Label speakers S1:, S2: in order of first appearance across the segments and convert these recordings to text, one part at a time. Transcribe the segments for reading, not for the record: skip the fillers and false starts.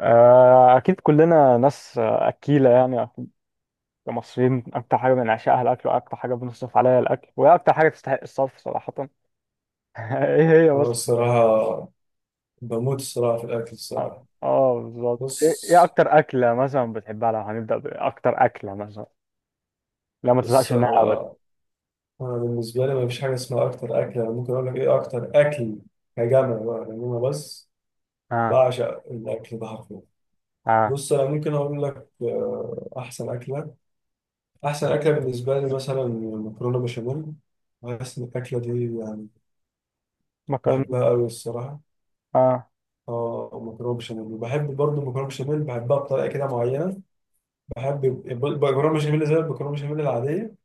S1: أكيد كلنا ناس أكيلة يعني كمصريين أكتر حاجة بنعشقها الأكل، وأكتر حاجة بنصرف عليها الأكل، وهي أكتر حاجة تستحق الصرف صراحة. إيه هي
S2: أنا
S1: مثلا يعني؟
S2: الصراحة، بموت الصراحة في الأكل
S1: آه،
S2: الصراحة.
S1: بالظبط. إيه
S2: بص
S1: إيه أكتر أكلة مثلا بتحبها؟ لو هنبدأ بأكتر أكلة مثلا. لا، ما تزهقش
S2: بص
S1: منها أبدا.
S2: أنا بالنسبة لي مفيش حاجة اسمها أكتر أكل. أنا ممكن أقول لك إيه أكتر أكل كجمع بقى، لأن أنا بس
S1: آه.
S2: بعشق الأكل ده حرفيا.
S1: آه.
S2: بص، أنا ممكن أقول لك أحسن أكلة. أحسن أكلة بالنسبة لي مثلا مكرونة بشاميل. بحس إن الأكلة دي يعني
S1: مكرونة.
S2: بحبها أوي الصراحة.
S1: آه.
S2: اه، مكرونه بشاميل، وبحب برضه المكرونه بشاميل، بحبها بطريقه كده معينه. بحب المكرونه بشاميل زي المكرونه بشاميل العاديه،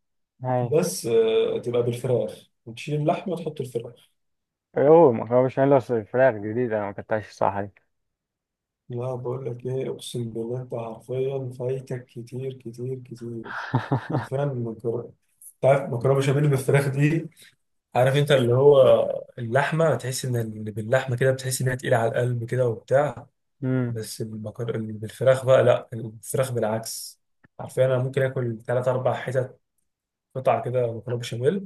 S1: هاي.
S2: بس تبقى بالفراخ وتشيل اللحمة تحط الفراخ.
S1: أيوه، مكرونة بشاميل بس فراخ جديدة، أنا ما أكلتهاش الصراحة دي.
S2: لا، بقول لك ايه، اقسم بالله انت حرفيا فايتك كتير كتير كتير. حرفيا مكرونة، عارف مكرونة بشاميل بالفراخ دي؟ عارف انت اللي هو اللحمة، تحس ان اللي باللحمة كده بتحس انها تقيلة على القلب كده وبتاع.
S1: مم.
S2: بس اللي بالفراخ بقى لا، الفراخ بالعكس. حرفيا انا ممكن اكل ثلاث اربع حتت، قطع كده مكرونة بشاميل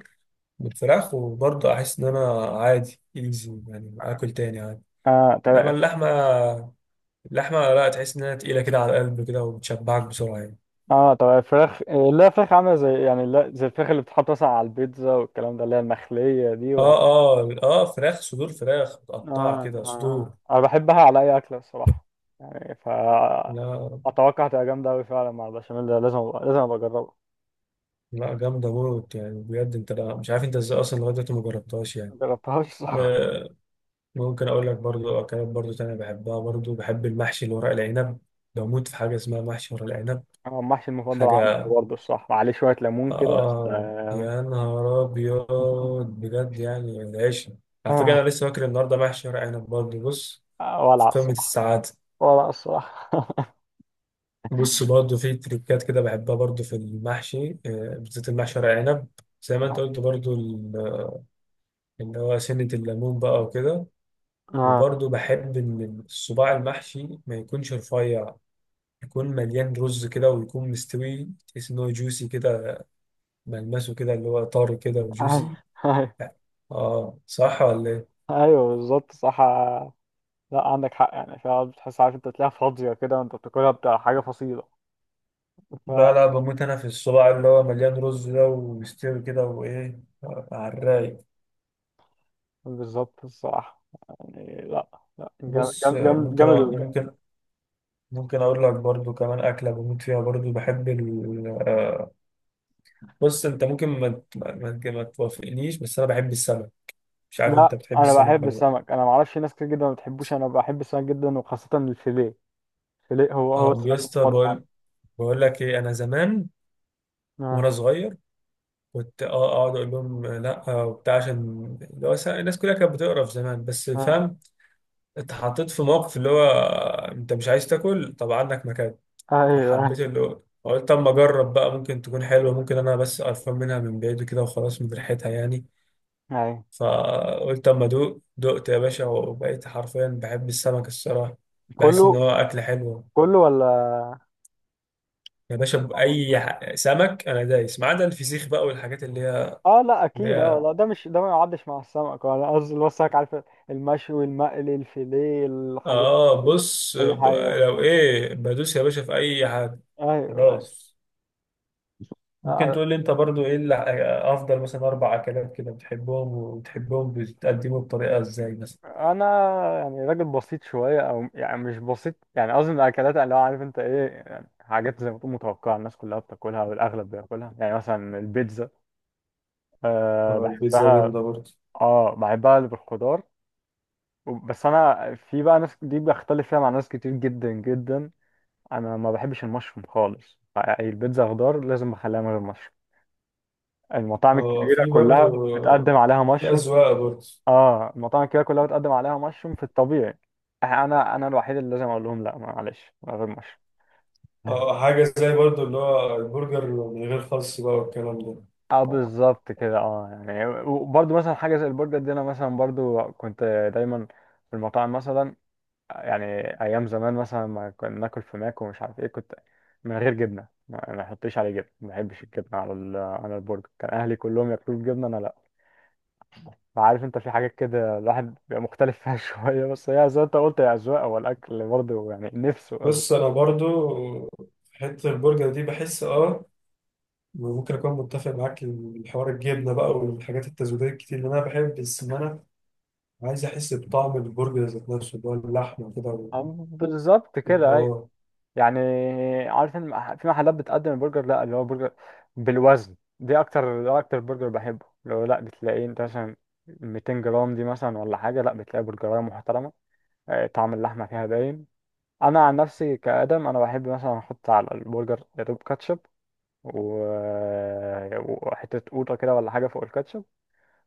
S2: بالفراخ، وبرضه احس ان انا عادي ايزي يعني، اكل تاني عادي.
S1: آه،
S2: انما
S1: طب.
S2: اللحمه، اللحمه لا تحس انها تقيله كده على القلب كده، وبتشبعك بسرعه يعني.
S1: اه طب الفراخ لا فراخ عامله زي يعني لا زي الفراخ اللي بتتحط مثلا على البيتزا والكلام ده، اللي هي المخليه دي، ولا؟
S2: اه، اه، اه، فراخ صدور، فراخ متقطعه
S1: آه.
S2: كده، صدور.
S1: اه انا بحبها على اي اكله الصراحه، يعني ف
S2: لا
S1: اتوقع هتبقى جامده قوي فعلا مع البشاميل ده، لازم أبقى لازم ابقى اجربها،
S2: لا، جامده موت يعني بجد، انت لا مش عارف انت ازاي اصلا لغايه دلوقتي ما جربتهاش
S1: ما
S2: يعني.
S1: جربتهاش الصراحه.
S2: آه، ممكن اقول لك برضو اكلات برضو تانية بحبها. برضو بحب المحشي، اللي ورق العنب. بموت في حاجه اسمها محشي ورق العنب.
S1: هو المحشي المفضل عندي
S2: حاجه،
S1: برضه الصراحه، عليه شويه ليمون كده، بس
S2: اه،
S1: آه،
S2: يا نهار ابيض، بجد يعني. العيش، على فكره انا لسه واكل النهارده محشي ورق عنب برضو. بص، في
S1: ولع
S2: قمة
S1: الصراحه.
S2: السعادة.
S1: ولع الصراحه.
S2: بص، برضه في تريكات كده بحبها برضه في المحشي، بالذات المحشي ورق عنب، زي ما انت قلت برضه اللي هو سنة الليمون بقى وكده.
S1: آه،
S2: وبرضه بحب إن الصباع المحشي ما يكونش رفيع، يكون مليان رز كده، ويكون مستوي، تحس إن هو جوسي كده. ملمسه كده اللي هو طار كده
S1: ايوه،
S2: وجوسي.
S1: ايوه.
S2: اه، صح ولا ايه؟
S1: أيوة بالظبط، صح. لا عندك حق، يعني فعلا بتحس، عارف انت تلاقيها فاضية كده وانت بتاكلها، بتاع حاجة فصيلة.
S2: لا
S1: ف
S2: لا، بموت انا في الصباع اللي هو مليان رز ده ومستوي كده، وايه، على الرايق.
S1: بالظبط الصراحة، يعني لا، لا جامد،
S2: بص،
S1: جامد
S2: ممكن
S1: جامد.
S2: ممكن ممكن اقول لك برضو كمان اكله بموت فيها. برضو بحب ال آه، بص، انت ممكن ما توافقنيش، بس انا بحب السمك. مش عارف انت
S1: لا
S2: بتحب
S1: انا
S2: السمك
S1: بحب
S2: ولا لا؟
S1: السمك، انا معرفش ناس كتير جدا ما بتحبوش، انا بحب السمك جدا وخاصة الفيليه. الفيليه هو هو
S2: اه، يا
S1: السمك
S2: اسطى،
S1: المفضل عندي.
S2: بقول لك ايه. انا زمان
S1: اه.
S2: وانا صغير كنت اقعد اقول لهم لا وبتاع، عشان اللي هو الناس كلها كانت بتقرف زمان، بس
S1: اه.
S2: فاهم. اتحطيت في موقف، اللي هو انت مش عايز تاكل، طب عندك مكان.
S1: ايوه،
S2: فحبيت اللي هو قلت اما اجرب بقى، ممكن تكون حلوه، ممكن انا بس قرفان منها من بعيد كده وخلاص، من ريحتها يعني.
S1: ايوه.
S2: فقلت اما ادوق، دقت يا باشا وبقيت حرفيا بحب السمك الصراحه. بحس ان
S1: كله؟
S2: هو اكل حلو.
S1: كله؟ ولا
S2: يا باشا، سمك انا دايس ما عدا الفسيخ بقى، والحاجات اللي هي
S1: اه، لا
S2: اللي
S1: اكيد، اه
S2: هي
S1: لا ده مش ده ما يعدش مع السمك، ولا قصدي اللي هو السمك، عارف، المشوي المقلي الفيليه، الحاجات،
S2: اه،
S1: اي حاجة بقى.
S2: لو ايه بدوس يا باشا في اي حاجه،
S1: ايوه.
S2: خلاص. ممكن
S1: آه،
S2: تقول لي انت برضو ايه اللي افضل مثلا اربع اكلات كده بتحبهم، وبتحبهم بتقدمه بطريقه ازاي مثلا؟
S1: انا يعني راجل بسيط شويه، او يعني مش بسيط، يعني قصدي من الاكلات اللي هو عارف انت ايه، يعني حاجات زي ما تكون متوقعه الناس كلها بتاكلها والاغلب بياكلها، يعني مثلا البيتزا. أه
S2: اه، البيتزا
S1: بحبها.
S2: جامدة برضه.
S1: اه بحبها اللي بالخضار، بس انا في بقى ناس دي بختلف فيها مع ناس كتير جدا جدا، انا ما بحبش المشروم خالص يعني، البيتزا خضار لازم بخليها من غير مشروم، المطاعم
S2: اه،
S1: الكبيره
S2: في برضه،
S1: كلها بتقدم عليها
S2: في
S1: مشروم.
S2: أذواق برضه.
S1: اه المطاعم الكبيره كلها بتقدم عليها مشروم في الطبيعي، انا الوحيد اللي لازم اقول لهم لا معلش من غير مشروم.
S2: اه، حاجة زي برضو اللي هو البرجر من غير خس بقى والكلام ده.
S1: اه بالظبط كده، اه يعني، وبرضه مثلا حاجه زي البرجر دي، انا مثلا برضه كنت دايما في المطاعم مثلا، يعني ايام زمان مثلا ما كنا ناكل في ماك ومش عارف ايه، كنت من غير جبنه، ما يحطليش عليه جبنه، ما بحبش الجبنه على البرجر، كان اهلي كلهم ياكلوا الجبنه انا لا. فعارف انت في حاجات كده الواحد بيبقى مختلف فيها شويه، بس هي زي ما انت قلت يا اذواق، هو الاكل برضه يعني نفسه.
S2: بص أنا برضو في حتة البرجر دي بحس ممكن أكون متفق معاك. الحوار الجبنة بقى والحاجات التزويدية الكتير اللي أنا بحب، بس إن أنا عايز أحس بطعم البرجر ذات نفسه، اللي هو اللحمة كده، و-
S1: بالظبط
S2: يبقى
S1: كده، ايوه. يعني عارف ان في محلات بتقدم البرجر لا اللي هو برجر بالوزن، دي اكتر، ده اكتر برجر بحبه، لو لا بتلاقيه انت مثلا 200 جرام دي مثلا ولا حاجه، لا بتلاقي برجرايه محترمه، طعم اللحمه فيها باين. انا عن نفسي كادم انا بحب مثلا احط على البرجر دوب كاتشب و... وحته قوطه كده ولا حاجه فوق الكاتشب،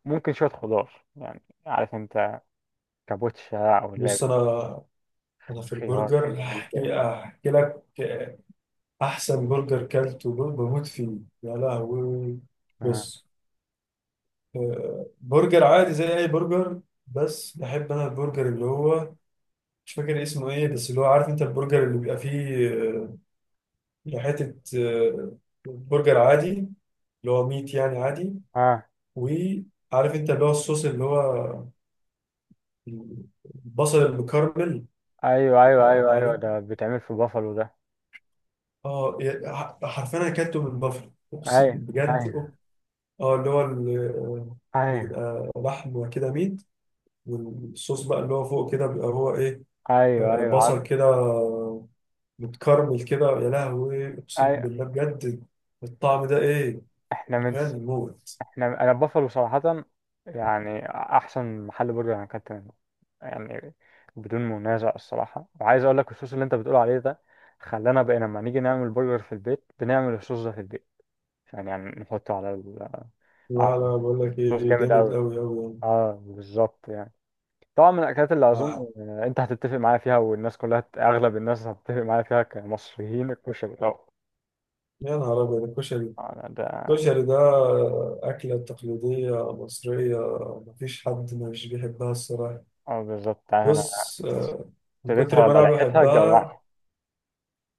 S1: ممكن شويه خضار يعني، عارف انت، كابوتشا او
S2: بص.
S1: اللي
S2: أنا في
S1: خيار
S2: البرجر
S1: فلفل كده.
S2: هحكي، أحكي لك أحسن برجر كلته بموت فيه. يا لهوي،
S1: اه.
S2: بص، برجر عادي زي اي برجر، بس بحب انا البرجر اللي هو مش فاكر اسمه ايه، بس اللي هو عارف انت البرجر اللي بيبقى فيه حتة، برجر عادي اللي هو ميت يعني عادي.
S1: اه.
S2: وعارف انت اللي هو الصوص، اللي هو البصل المكرمل.
S1: ايوه ايوه
S2: آه،
S1: ايوه ايوه،
S2: عليه.
S1: ده بيتعمل في بافالو ده.
S2: اه، حرفيا انا اكلته من بافلو، اقسم
S1: ايوه.
S2: بجد.
S1: ايوه.
S2: اه، اللي هو
S1: ايوه.
S2: بيبقى لحم كده ميت، والصوص بقى اللي هو فوق كده بيبقى هو ايه،
S1: ايوه. ايوه، عارف.
S2: بصل كده متكرمل كده. يا لهوي، اقسم
S1: ايوه.
S2: بالله بجد، الطعم ده ايه.
S1: احنا من
S2: حرفيا
S1: س...
S2: موت.
S1: احنا انا بافالو صراحة يعني احسن محل برجر انا اكلت منه يعني، بدون منازع الصراحة، وعايز اقول لك الصوص اللي انت بتقول عليه ده خلانا بقينا لما نيجي نعمل برجر في البيت بنعمل الصوص ده في البيت، يعني يعني نحطه على ال...
S2: لا
S1: على
S2: لا، بقول لك
S1: الصوص،
S2: ايه،
S1: جامد
S2: جامد
S1: قوي.
S2: قوي قوي يعني.
S1: اه بالظبط يعني، طبعا من الاكلات اللي اظن
S2: آه،
S1: انت هتتفق معايا فيها، والناس كلها هت- اغلب الناس هتتفق معايا فيها كمصريين، الكشري طبعا.
S2: يا نهار ابيض، الكشري.
S1: انا ده.
S2: الكشري ده اكله تقليديه مصريه، مفيش حد مش بيحبها الصراحه.
S1: اه بالظبط، عارف انا
S2: بص، من
S1: اشتريتها
S2: كتر ما
S1: ولا
S2: انا
S1: ريحتها جوعت.
S2: بحبها،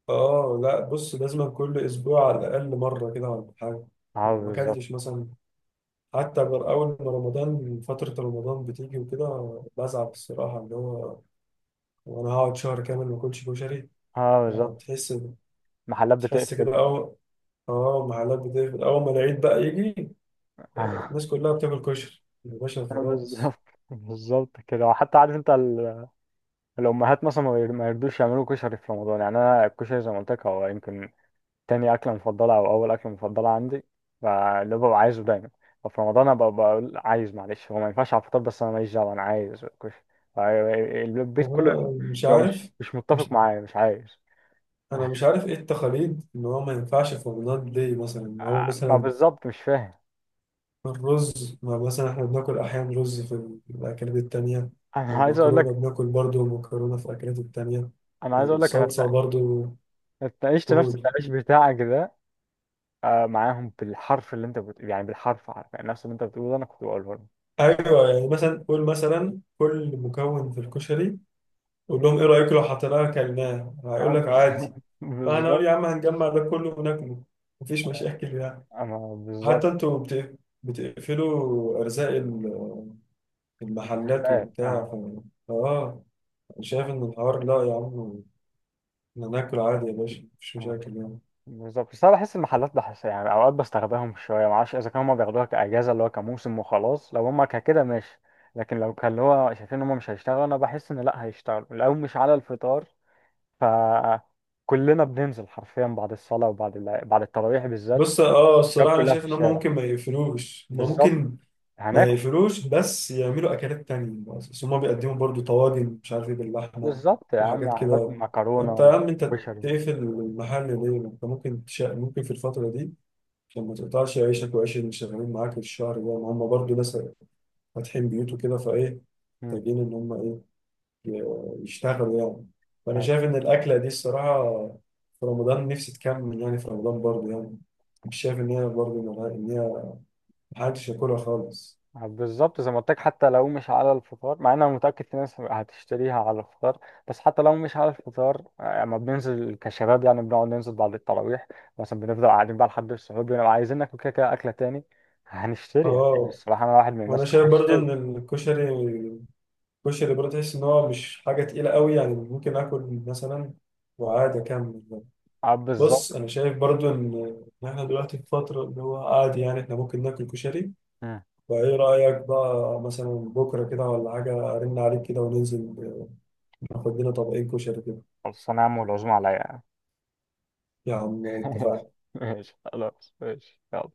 S2: اه لا، بص لازم كل اسبوع على الاقل مره كده ولا حاجه.
S1: اه
S2: لو ما
S1: بالظبط.
S2: اكلتش مثلا، حتى أول ما رمضان، فترة رمضان بتيجي وكده بزعل الصراحة، اللي هو وأنا هقعد شهر كامل ما أكلش كشري.
S1: اه
S2: أه،
S1: بالظبط.
S2: تحس
S1: محلات
S2: تحس
S1: بتقفل.
S2: كده أول. أه، محلات بتقفل أول ما العيد بقى يجي. أه،
S1: اه
S2: الناس كلها بتاكل كشري يا باشا خلاص.
S1: بالظبط. بالظبط كده، وحتى عارف انت ال- الامهات مثلا ما ير- ما يرضوش يعملوا كشري في رمضان، يعني انا الكشري زي ما قلت لك هو يمكن تاني أكلة مفضلة أو أول أكلة مفضلة عندي، فاللي ببقى عايزه دايما، ففي رمضان أنا ببقى بقول عايز، معلش هو ما ينفعش على الفطار بس أنا ماليش دعوة أنا عايز كشري. البيت
S2: هو
S1: كله
S2: أنا مش
S1: بيبقى مش
S2: عارف.
S1: مش متفق
S2: مش
S1: معايا، مش عايز.
S2: أنا مش عارف إيه التقاليد إن هو ما ينفعش في رمضان ليه، مثلا إن هو
S1: ما
S2: مثلا
S1: بالظبط، مش فاهم.
S2: الرز، ما مثلا احنا بناكل احيانا رز في في الاكلات التانية.
S1: أنا عايز أقول
S2: المكرونة
S1: لك
S2: بناكل برضو مكرونة في الاكلات التانية.
S1: أنا عايز أقول لك أنا
S2: الصلصة
S1: اتنا-
S2: برضو.
S1: اتناقشت نفس
S2: قول،
S1: التناقش بتاعك ده معاهم بالحرف، اللي أنت بت... يعني بالحرف، عارف يعني نفس اللي أنت بتقوله ده أنا كنت بقوله لهم.
S2: ايوه يعني، مثلا قول مثلا كل مكون في الكشري، قول لهم ايه رايكم لو حطيناه اكلناه، هيقول
S1: آه،
S2: لك
S1: بس-
S2: عادي. فانا اقول يا
S1: بالظبط.
S2: عم هنجمع ده كله وناكله، مفيش مشاكل يعني.
S1: أنا
S2: حتى
S1: بالظبط.
S2: انتوا بتقفلوا ارزاق المحلات
S1: محلات
S2: وبتاع.
S1: آه.
S2: ف... اه أنا شايف ان الحوار لا يا عم، احنا ناكل عادي يا باشا، مفيش
S1: آه.
S2: مشاكل يعني.
S1: بالظبط، بس انا بحس المحلات بحس يعني اوقات بستخدمهم شويه، معرفش اذا كانوا هما بياخدوها كاجازه اللي هو كموسم وخلاص، لو هما كده ماشي، لكن لو كان اللي هو شايفين ان هما مش هيشتغلوا، انا بحس ان لا هيشتغلوا لو مش على الفطار، ف كلنا بننزل حرفيا بعد الصلاه وبعد ال... بعد التراويح بالذات،
S2: بص،
S1: الشباب
S2: الصراحة انا
S1: كلها في
S2: شايف ان هم
S1: الشارع.
S2: ممكن ما يقفلوش،
S1: بالظبط. هناكل.
S2: بس يعملوا اكلات تانية. بس هم بيقدموا برضو طواجن مش عارف ايه باللحمة
S1: بالظبط يا عم،
S2: وحاجات
S1: هناكل
S2: كده. فانت يا
S1: مكرونه
S2: عم انت
S1: وكشري.
S2: تقفل المحل ليه؟ ما انت ممكن ممكن في الفترة دي عشان ما تقطعش عيشك وعيش اللي شغالين معاك الشهر ده، ما هم برضو ناس فاتحين بيوت وكده، فايه
S1: مم.
S2: محتاجين ان هم ايه، يشتغلوا يعني. فأنا
S1: أيوه.
S2: شايف إن الأكلة دي الصراحة في رمضان نفسي تكمل يعني، في رمضان برضه يعني. مش شايف إن هي برضه إن هي محدش ياكلها خالص.
S1: بالظبط زي ما قلت لك، حتى لو مش على الفطار، مع ان انا متاكد في ناس هتشتريها على الفطار، بس حتى لو مش على الفطار اما بننزل كشباب يعني، بنقعد ننزل بعد التراويح مثلا، بنفضل قاعدين بقى لحد السحور، بنبقى عايزين ناكل كده كده اكله تاني، هنشتري يعني،
S2: اه،
S1: الصراحه انا واحد من
S2: وأنا
S1: الناس اللي
S2: شايف برضه إن
S1: هتشتري.
S2: الكشري، الكشري برضه تحس إن هو مش حاجة تقيلة قوي يعني. ممكن آكل مثلا وعادي أكمل يعني.
S1: اه بالظبط.
S2: بص، أنا شايف برضه إن إحنا دلوقتي في فترة اللي هو عادي يعني. إحنا ممكن ناكل كشري.
S1: مم.
S2: فإيه رأيك بقى مثلا بكرة كده ولا حاجة، أرن عليك كده وننزل ناخد لنا طبقين كشري كده؟
S1: خلاص انا يا عم، والعزومه عليا.
S2: يا عم اتفقنا.
S1: ماشي خلاص، ماشي، يلا.